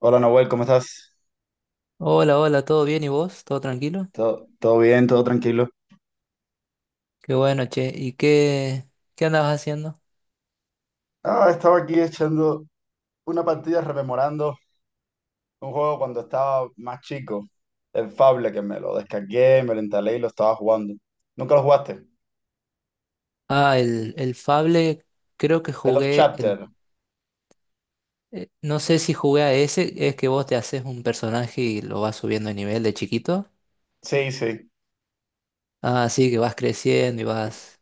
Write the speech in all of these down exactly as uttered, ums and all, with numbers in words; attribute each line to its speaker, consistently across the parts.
Speaker 1: Hola Nahuel, ¿cómo estás?
Speaker 2: Hola, hola, ¿todo bien y vos? ¿Todo tranquilo?
Speaker 1: ¿Todo, todo bien? ¿Todo tranquilo?
Speaker 2: Qué bueno, che. ¿Y qué, qué andabas haciendo?
Speaker 1: Ah, estaba aquí echando una partida rememorando un juego cuando estaba más chico, el Fable, que me lo descargué, me lo instalé y lo estaba jugando. ¿Nunca lo jugaste?
Speaker 2: Ah, el, el Fable, creo que
Speaker 1: The Love
Speaker 2: jugué el...
Speaker 1: Chapter.
Speaker 2: eh, no sé si jugué a ese, es que vos te haces un personaje y lo vas subiendo de nivel de chiquito.
Speaker 1: Sí, sí,
Speaker 2: Ah, sí, que vas creciendo y vas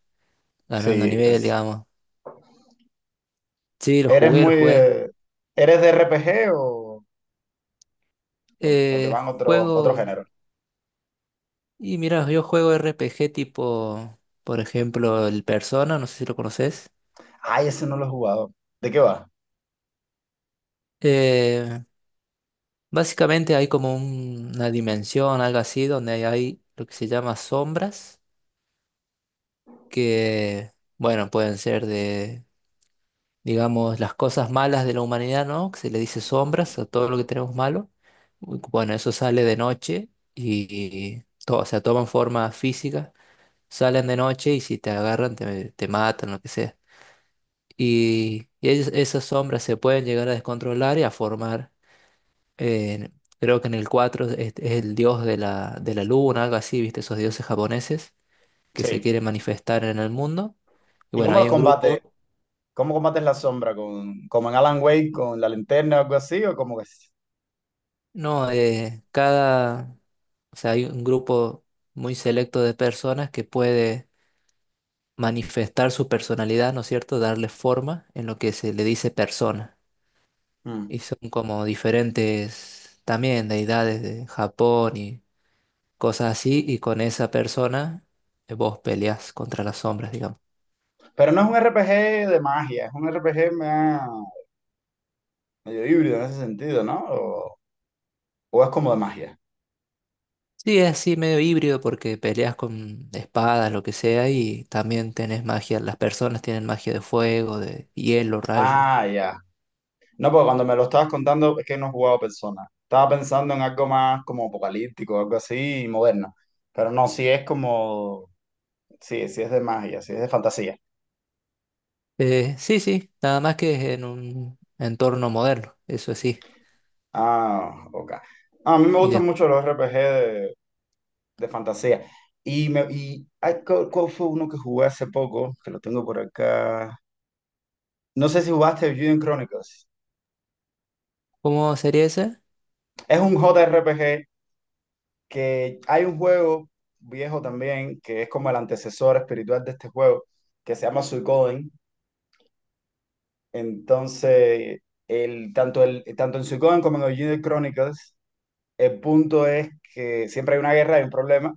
Speaker 2: ganando
Speaker 1: sí.
Speaker 2: nivel,
Speaker 1: es-
Speaker 2: digamos. Sí, lo
Speaker 1: ¿Eres
Speaker 2: jugué, lo
Speaker 1: muy...
Speaker 2: jugué.
Speaker 1: eh, ¿Eres de R P G o, o- o te
Speaker 2: Eh,
Speaker 1: van otros otros
Speaker 2: juego...
Speaker 1: géneros?
Speaker 2: Y mira, yo juego R P G tipo, por ejemplo, el Persona, no sé si lo conoces.
Speaker 1: Ay, ese no lo he jugado. ¿De qué va?
Speaker 2: Eh, Básicamente hay como un- una dimensión, algo así, donde hay lo que se llama sombras, que, bueno, pueden ser de, digamos, las cosas malas de la humanidad, ¿no? Que se le dice sombras a todo lo que tenemos malo. Bu- Bueno, eso sale de noche y, todo, o sea, toman forma física, salen de noche y si te agarran te, te matan, lo que sea. Y, y es- esas sombras se pueden llegar a descontrolar y a formar eh, creo que en el cuatro es, es el dios de la, de la luna, algo así, ¿viste? Esos dioses japoneses que se
Speaker 1: Sí.
Speaker 2: quieren manifestar en el mundo. Y
Speaker 1: ¿Y
Speaker 2: bueno,
Speaker 1: cómo los
Speaker 2: hay un
Speaker 1: combates?
Speaker 2: grupo,
Speaker 1: ¿Cómo combates la sombra? ¿Con, como en Alan Wake, con la linterna o algo así? ¿O cómo? Que?
Speaker 2: no, eh, cada, o sea, hay un grupo muy selecto de personas que puede manifestar su personalidad, ¿no es cierto? Darle forma en lo que se le dice persona. Y
Speaker 1: Mm.
Speaker 2: son como diferentes también deidades de Japón y cosas así, y con esa persona eh, vos peleás contra las sombras, digamos.
Speaker 1: Pero no es un R P G de magia, es un R P G más- medio híbrido en ese sentido, ¿no? O, o es como de magia.
Speaker 2: Sí, es así medio híbrido porque peleas con espadas, lo que sea, y también tenés magia, las personas tienen magia de fuego, de hielo, rayo.
Speaker 1: Ah, ya. No, porque cuando me lo estabas contando es que no he jugado Persona. Estaba pensando en algo más como apocalíptico, algo así, moderno. Pero no, sí es como. Sí, sí es de magia, sí es de fantasía.
Speaker 2: Eh, sí, sí, nada más que es en un entorno moderno, eso sí.
Speaker 1: Ah, ok. Ah, a mí me
Speaker 2: ¿Y
Speaker 1: gustan
Speaker 2: después
Speaker 1: mucho los R P G de, de fantasía. Y, me, y ay, ¿cuál, cuál fue uno que jugué hace poco? Que lo tengo por acá. No sé si jugaste Juden Chronicles.
Speaker 2: cómo sería ese?
Speaker 1: Es un J R P G que hay un juego viejo también, que es como el antecesor espiritual de este juego, que se llama Suikoden. Entonces, el, tanto, el, tanto en Suikoden como en Original Chronicles, el punto es que siempre hay una guerra, hay un problema,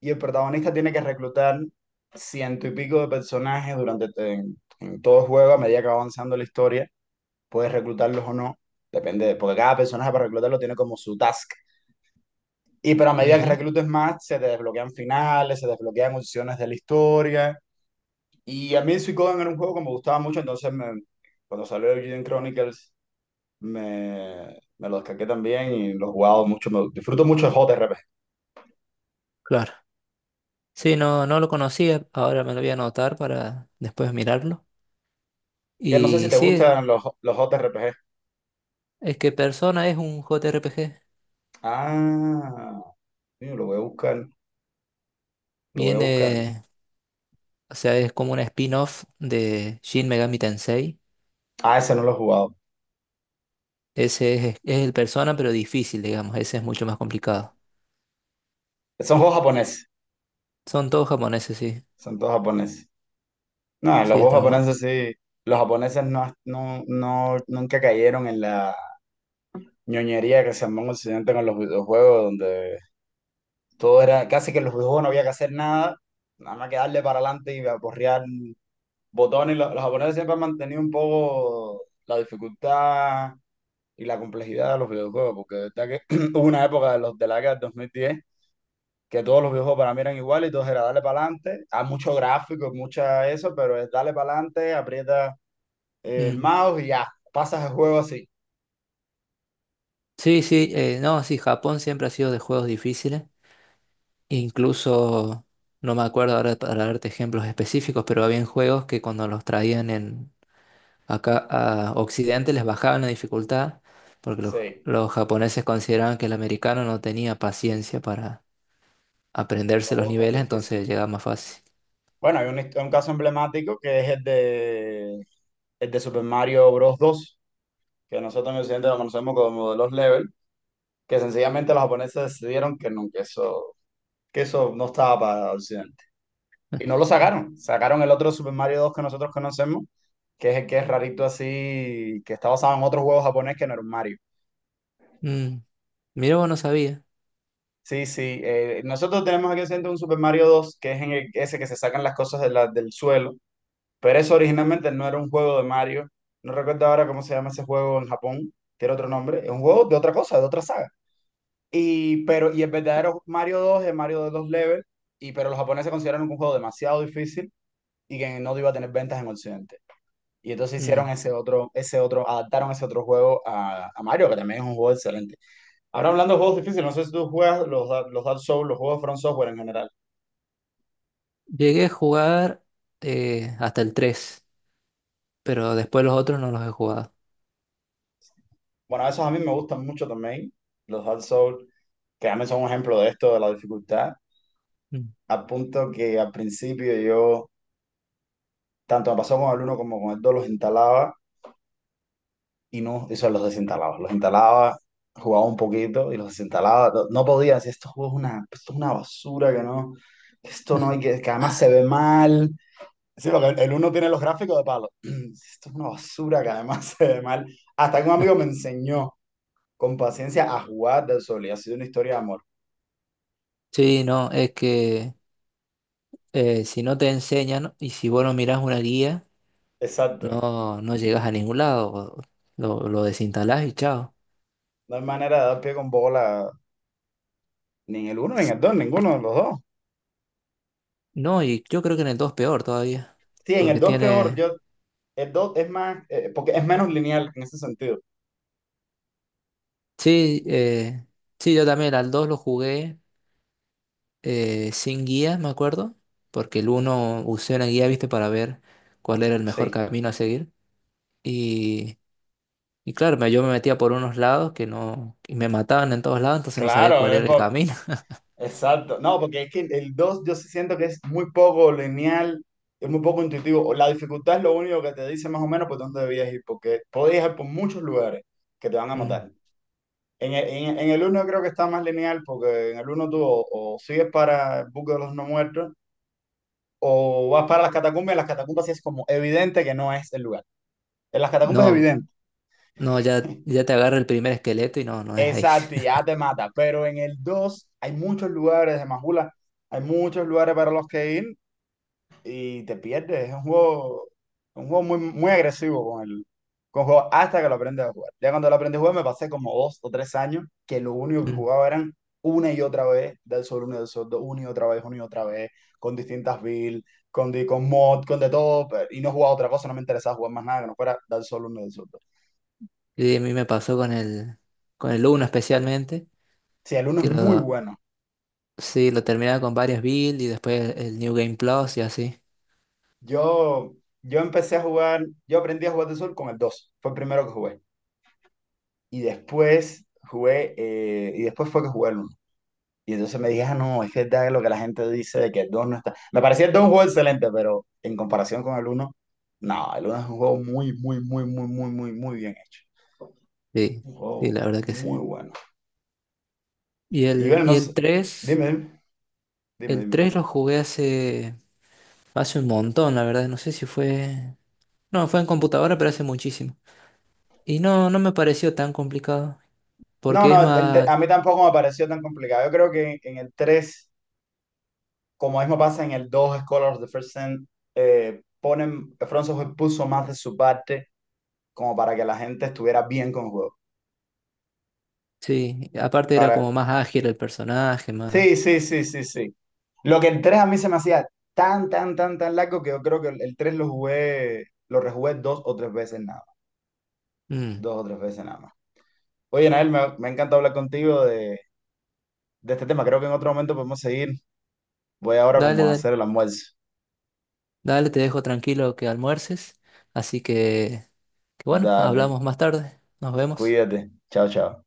Speaker 1: y el protagonista tiene que reclutar ciento y pico de personajes durante en, en todo el juego, a medida que va avanzando la historia, puedes reclutarlos o no, depende, porque cada personaje para reclutarlo tiene como su task. Y pero a medida que
Speaker 2: Ujú,
Speaker 1: reclutes más, se te desbloquean finales, se desbloquean opciones de la historia. Y a mí Suikoden era un juego que me gustaba mucho, entonces me- cuando salió Eugene Chronicles me, me lo descargué también y lo he jugado mucho. Me, disfruto mucho de J R P G.
Speaker 2: claro. Sí, no, no lo conocía, ahora me lo voy a anotar para después mirarlo.
Speaker 1: Que no sé si
Speaker 2: Y
Speaker 1: te
Speaker 2: sí,
Speaker 1: gustan los, los J R P G.
Speaker 2: es que Persona es un J R P G.
Speaker 1: Ah, coño, lo voy a buscar, lo voy a buscar.
Speaker 2: Viene, o sea, es como un spin-off de Shin Megami Tensei.
Speaker 1: Ah, ese no lo he jugado.
Speaker 2: Ese es, es el Persona, pero difícil, digamos. Ese es mucho más complicado.
Speaker 1: Son juegos japoneses,
Speaker 2: Son todos japoneses, sí.
Speaker 1: son todos japoneses. No, los
Speaker 2: Sí,
Speaker 1: juegos
Speaker 2: están
Speaker 1: japoneses
Speaker 2: buenos.
Speaker 1: sí, los japoneses no, no, no, nunca cayeron en la ñoñería que se armó en Occidente con los videojuegos, donde todo era, casi que en los videojuegos no había que hacer nada, nada más que darle para adelante y aporrear botones. Los, los japoneses siempre han mantenido un poco la dificultad y la complejidad de los videojuegos, porque de verdad que hubo una época de los de la década del dos mil diez que todos los videojuegos para mí eran iguales y todos era darle para adelante, hay mucho gráfico, mucha eso, pero es darle para adelante, aprieta el
Speaker 2: Mm.
Speaker 1: mouse y ya, pasas el juego así.
Speaker 2: Sí, sí, eh, no, sí, Japón siempre ha sido de juegos difíciles. Incluso, no me acuerdo ahora para darte ejemplos específicos, pero había juegos que cuando los traían en, acá a Occidente les bajaban la dificultad, porque los,
Speaker 1: Sí,
Speaker 2: los japoneses consideraban que el americano no tenía paciencia para aprenderse
Speaker 1: los
Speaker 2: los
Speaker 1: juegos tan
Speaker 2: niveles,
Speaker 1: difíciles.
Speaker 2: entonces llegaba más fácil.
Speaker 1: Bueno, hay un, hist- un caso emblemático que es el de, el de Super Mario Bros. dos, que nosotros en Occidente lo conocemos como de los level, que sencillamente los japoneses decidieron que, no, que, eso, que eso no estaba para Occidente. Y no lo sacaron, sacaron el otro Super Mario dos que nosotros conocemos, que es el que es rarito así, que está basado en otro juego japonés que no era un Mario.
Speaker 2: Mm, mira, vos no sabía.
Speaker 1: Sí, sí, eh, nosotros tenemos aquí en Occidente un Super Mario dos que es en el- ese que se sacan las cosas de la- del suelo. Pero eso originalmente no era un juego de Mario. No recuerdo ahora cómo se llama ese juego en Japón. Tiene otro nombre. Es un juego de otra cosa, de otra saga. Y, pero, y el verdadero Mario dos es Mario de dos levels. Y, pero los japoneses consideraron que un juego demasiado difícil y que no iba a tener ventas en Occidente. Y entonces hicieron
Speaker 2: Mm.
Speaker 1: ese otro, ese otro, adaptaron ese otro juego a, a Mario, que también es un juego excelente. Ahora hablando de juegos difíciles, no sé si tú juegas los, Dark- los Dark Souls, los juegos de From Software en general.
Speaker 2: Llegué a jugar eh, hasta el tres, pero después los otros no los he jugado.
Speaker 1: Bueno, esos a mí me gustan mucho también, los Dark Souls, que también son un ejemplo de esto, de la dificultad.
Speaker 2: Mm.
Speaker 1: A punto que al principio yo, tanto me pasó con el uno como con el dos, los instalaba y no, eso los desinstalaba. Los instalaba, jugaba un poquito y los desinstalaba. No, no podía decir, estos juegos es una, esto es una basura, que no, que esto no hay que, que además se ve mal. Sí, porque el uno tiene los gráficos de palo. Esto es una basura que además se ve mal. Hasta que un amigo me enseñó con paciencia a jugar del sol y ha sido una historia de amor.
Speaker 2: Sí, no, es que eh, si no te enseñan y si vos no mirás una guía,
Speaker 1: Exacto.
Speaker 2: no, no llegas a ningún lado. o- Lo, lo desinstalás y chao.
Speaker 1: No hay manera de dar pie con bola ni en el uno ni en el dos, ninguno de los dos.
Speaker 2: No, y yo creo que en el dos peor todavía,
Speaker 1: Sí, en el
Speaker 2: porque
Speaker 1: dos peor,
Speaker 2: tiene...
Speaker 1: yo, el dos es más, eh, porque es menos lineal en ese sentido.
Speaker 2: Sí, eh, sí, yo también al dos lo jugué eh, sin guía, me acuerdo, porque el uno usé una guía, viste, para ver cuál era el mejor
Speaker 1: Sí.
Speaker 2: camino a seguir. Y claro, me- yo me metía por unos lados que no, y me mataban en todos lados, entonces no sabía
Speaker 1: Claro,
Speaker 2: cuál
Speaker 1: es
Speaker 2: era el
Speaker 1: por-
Speaker 2: camino.
Speaker 1: exacto. No, porque es que el dos yo sí siento que es muy poco lineal, es muy poco intuitivo. La dificultad es lo único que te dice más o menos por dónde debías ir, porque podías ir por muchos lugares que te van a
Speaker 2: Mm.
Speaker 1: matar. En el, en, en el uno creo que está más lineal, porque en el uno tú o, o sigues para el buque de los no muertos, o vas para las catacumbas, y en las catacumbas sí es como evidente que no es el lugar. En las catacumbas es
Speaker 2: No,
Speaker 1: evidente.
Speaker 2: no, ya, ya te agarra el primer esqueleto y no, no es ahí.
Speaker 1: Exacto, y ya te mata. Pero en el dos hay muchos lugares de Majula, hay muchos lugares para los que ir y te pierdes. Es un juego, un juego muy, muy agresivo con el, con el, juego hasta que lo aprendes a jugar. Ya cuando lo aprendí a jugar me pasé como dos o tres años que lo único que
Speaker 2: Mm.
Speaker 1: jugaba eran una y otra vez del sol, uno y del sol, dos, una y otra vez, una y otra vez, con distintas builds, con, di- con mod, con de todo, pero- y no jugaba otra cosa, no me interesaba jugar más nada que no fuera del sol, uno y del sol. Dos.
Speaker 2: Y a mí me pasó con el, con el uno especialmente,
Speaker 1: Sí, el uno
Speaker 2: que
Speaker 1: es muy
Speaker 2: lo,
Speaker 1: bueno.
Speaker 2: sí, lo terminaba con varias builds y después el New Game Plus y así.
Speaker 1: Yo, yo empecé a jugar, yo aprendí a jugar de sol con el dos fue el primero que jugué. Y después jugué, eh, y después fue que jugué el uno. Y entonces me dije, ah, no, es que es lo que la gente dice de que el dos no está. Me parecía el dos un juego excelente, pero en comparación con el uno no, el uno es un juego muy, muy, muy, muy, muy, muy, muy bien hecho.
Speaker 2: Sí,
Speaker 1: Un
Speaker 2: sí,
Speaker 1: juego
Speaker 2: la verdad que sí.
Speaker 1: muy bueno.
Speaker 2: Y
Speaker 1: Y
Speaker 2: el,
Speaker 1: bueno, no
Speaker 2: y
Speaker 1: sé,
Speaker 2: el tres
Speaker 1: dime, dime, dime,
Speaker 2: el
Speaker 1: dime.
Speaker 2: tres lo jugué hace, hace un montón, la verdad, no sé si fue, no, fue en computadora, pero hace muchísimo. Y no, no me pareció tan complicado.
Speaker 1: No,
Speaker 2: Porque es
Speaker 1: no, el te- a
Speaker 2: más,
Speaker 1: mí tampoco me pareció tan complicado. Yo creo que en, en el tres como mismo pasa en el dos Scholars of the First Sin, eh, ponen, François Hoy puso más de su parte como para que la gente estuviera bien con el juego.
Speaker 2: sí, aparte era como
Speaker 1: Para.
Speaker 2: más ágil el personaje, más...
Speaker 1: Sí, sí, sí, sí, sí. Lo que el tres a mí se me hacía tan, tan, tan, tan largo que yo creo que el, el tres lo jugué, lo rejugué dos o tres veces nada más.
Speaker 2: Mm.
Speaker 1: Dos o tres veces nada más. Oye, Nael, me, me ha encantado hablar contigo de, de este tema. Creo que en otro momento podemos seguir. Voy ahora
Speaker 2: Dale,
Speaker 1: como a
Speaker 2: dale,
Speaker 1: hacer el almuerzo.
Speaker 2: dale, te dejo tranquilo que almuerces. Así que, que bueno,
Speaker 1: Dale,
Speaker 2: hablamos más tarde. Nos vemos.
Speaker 1: cuídate. Chao, chao.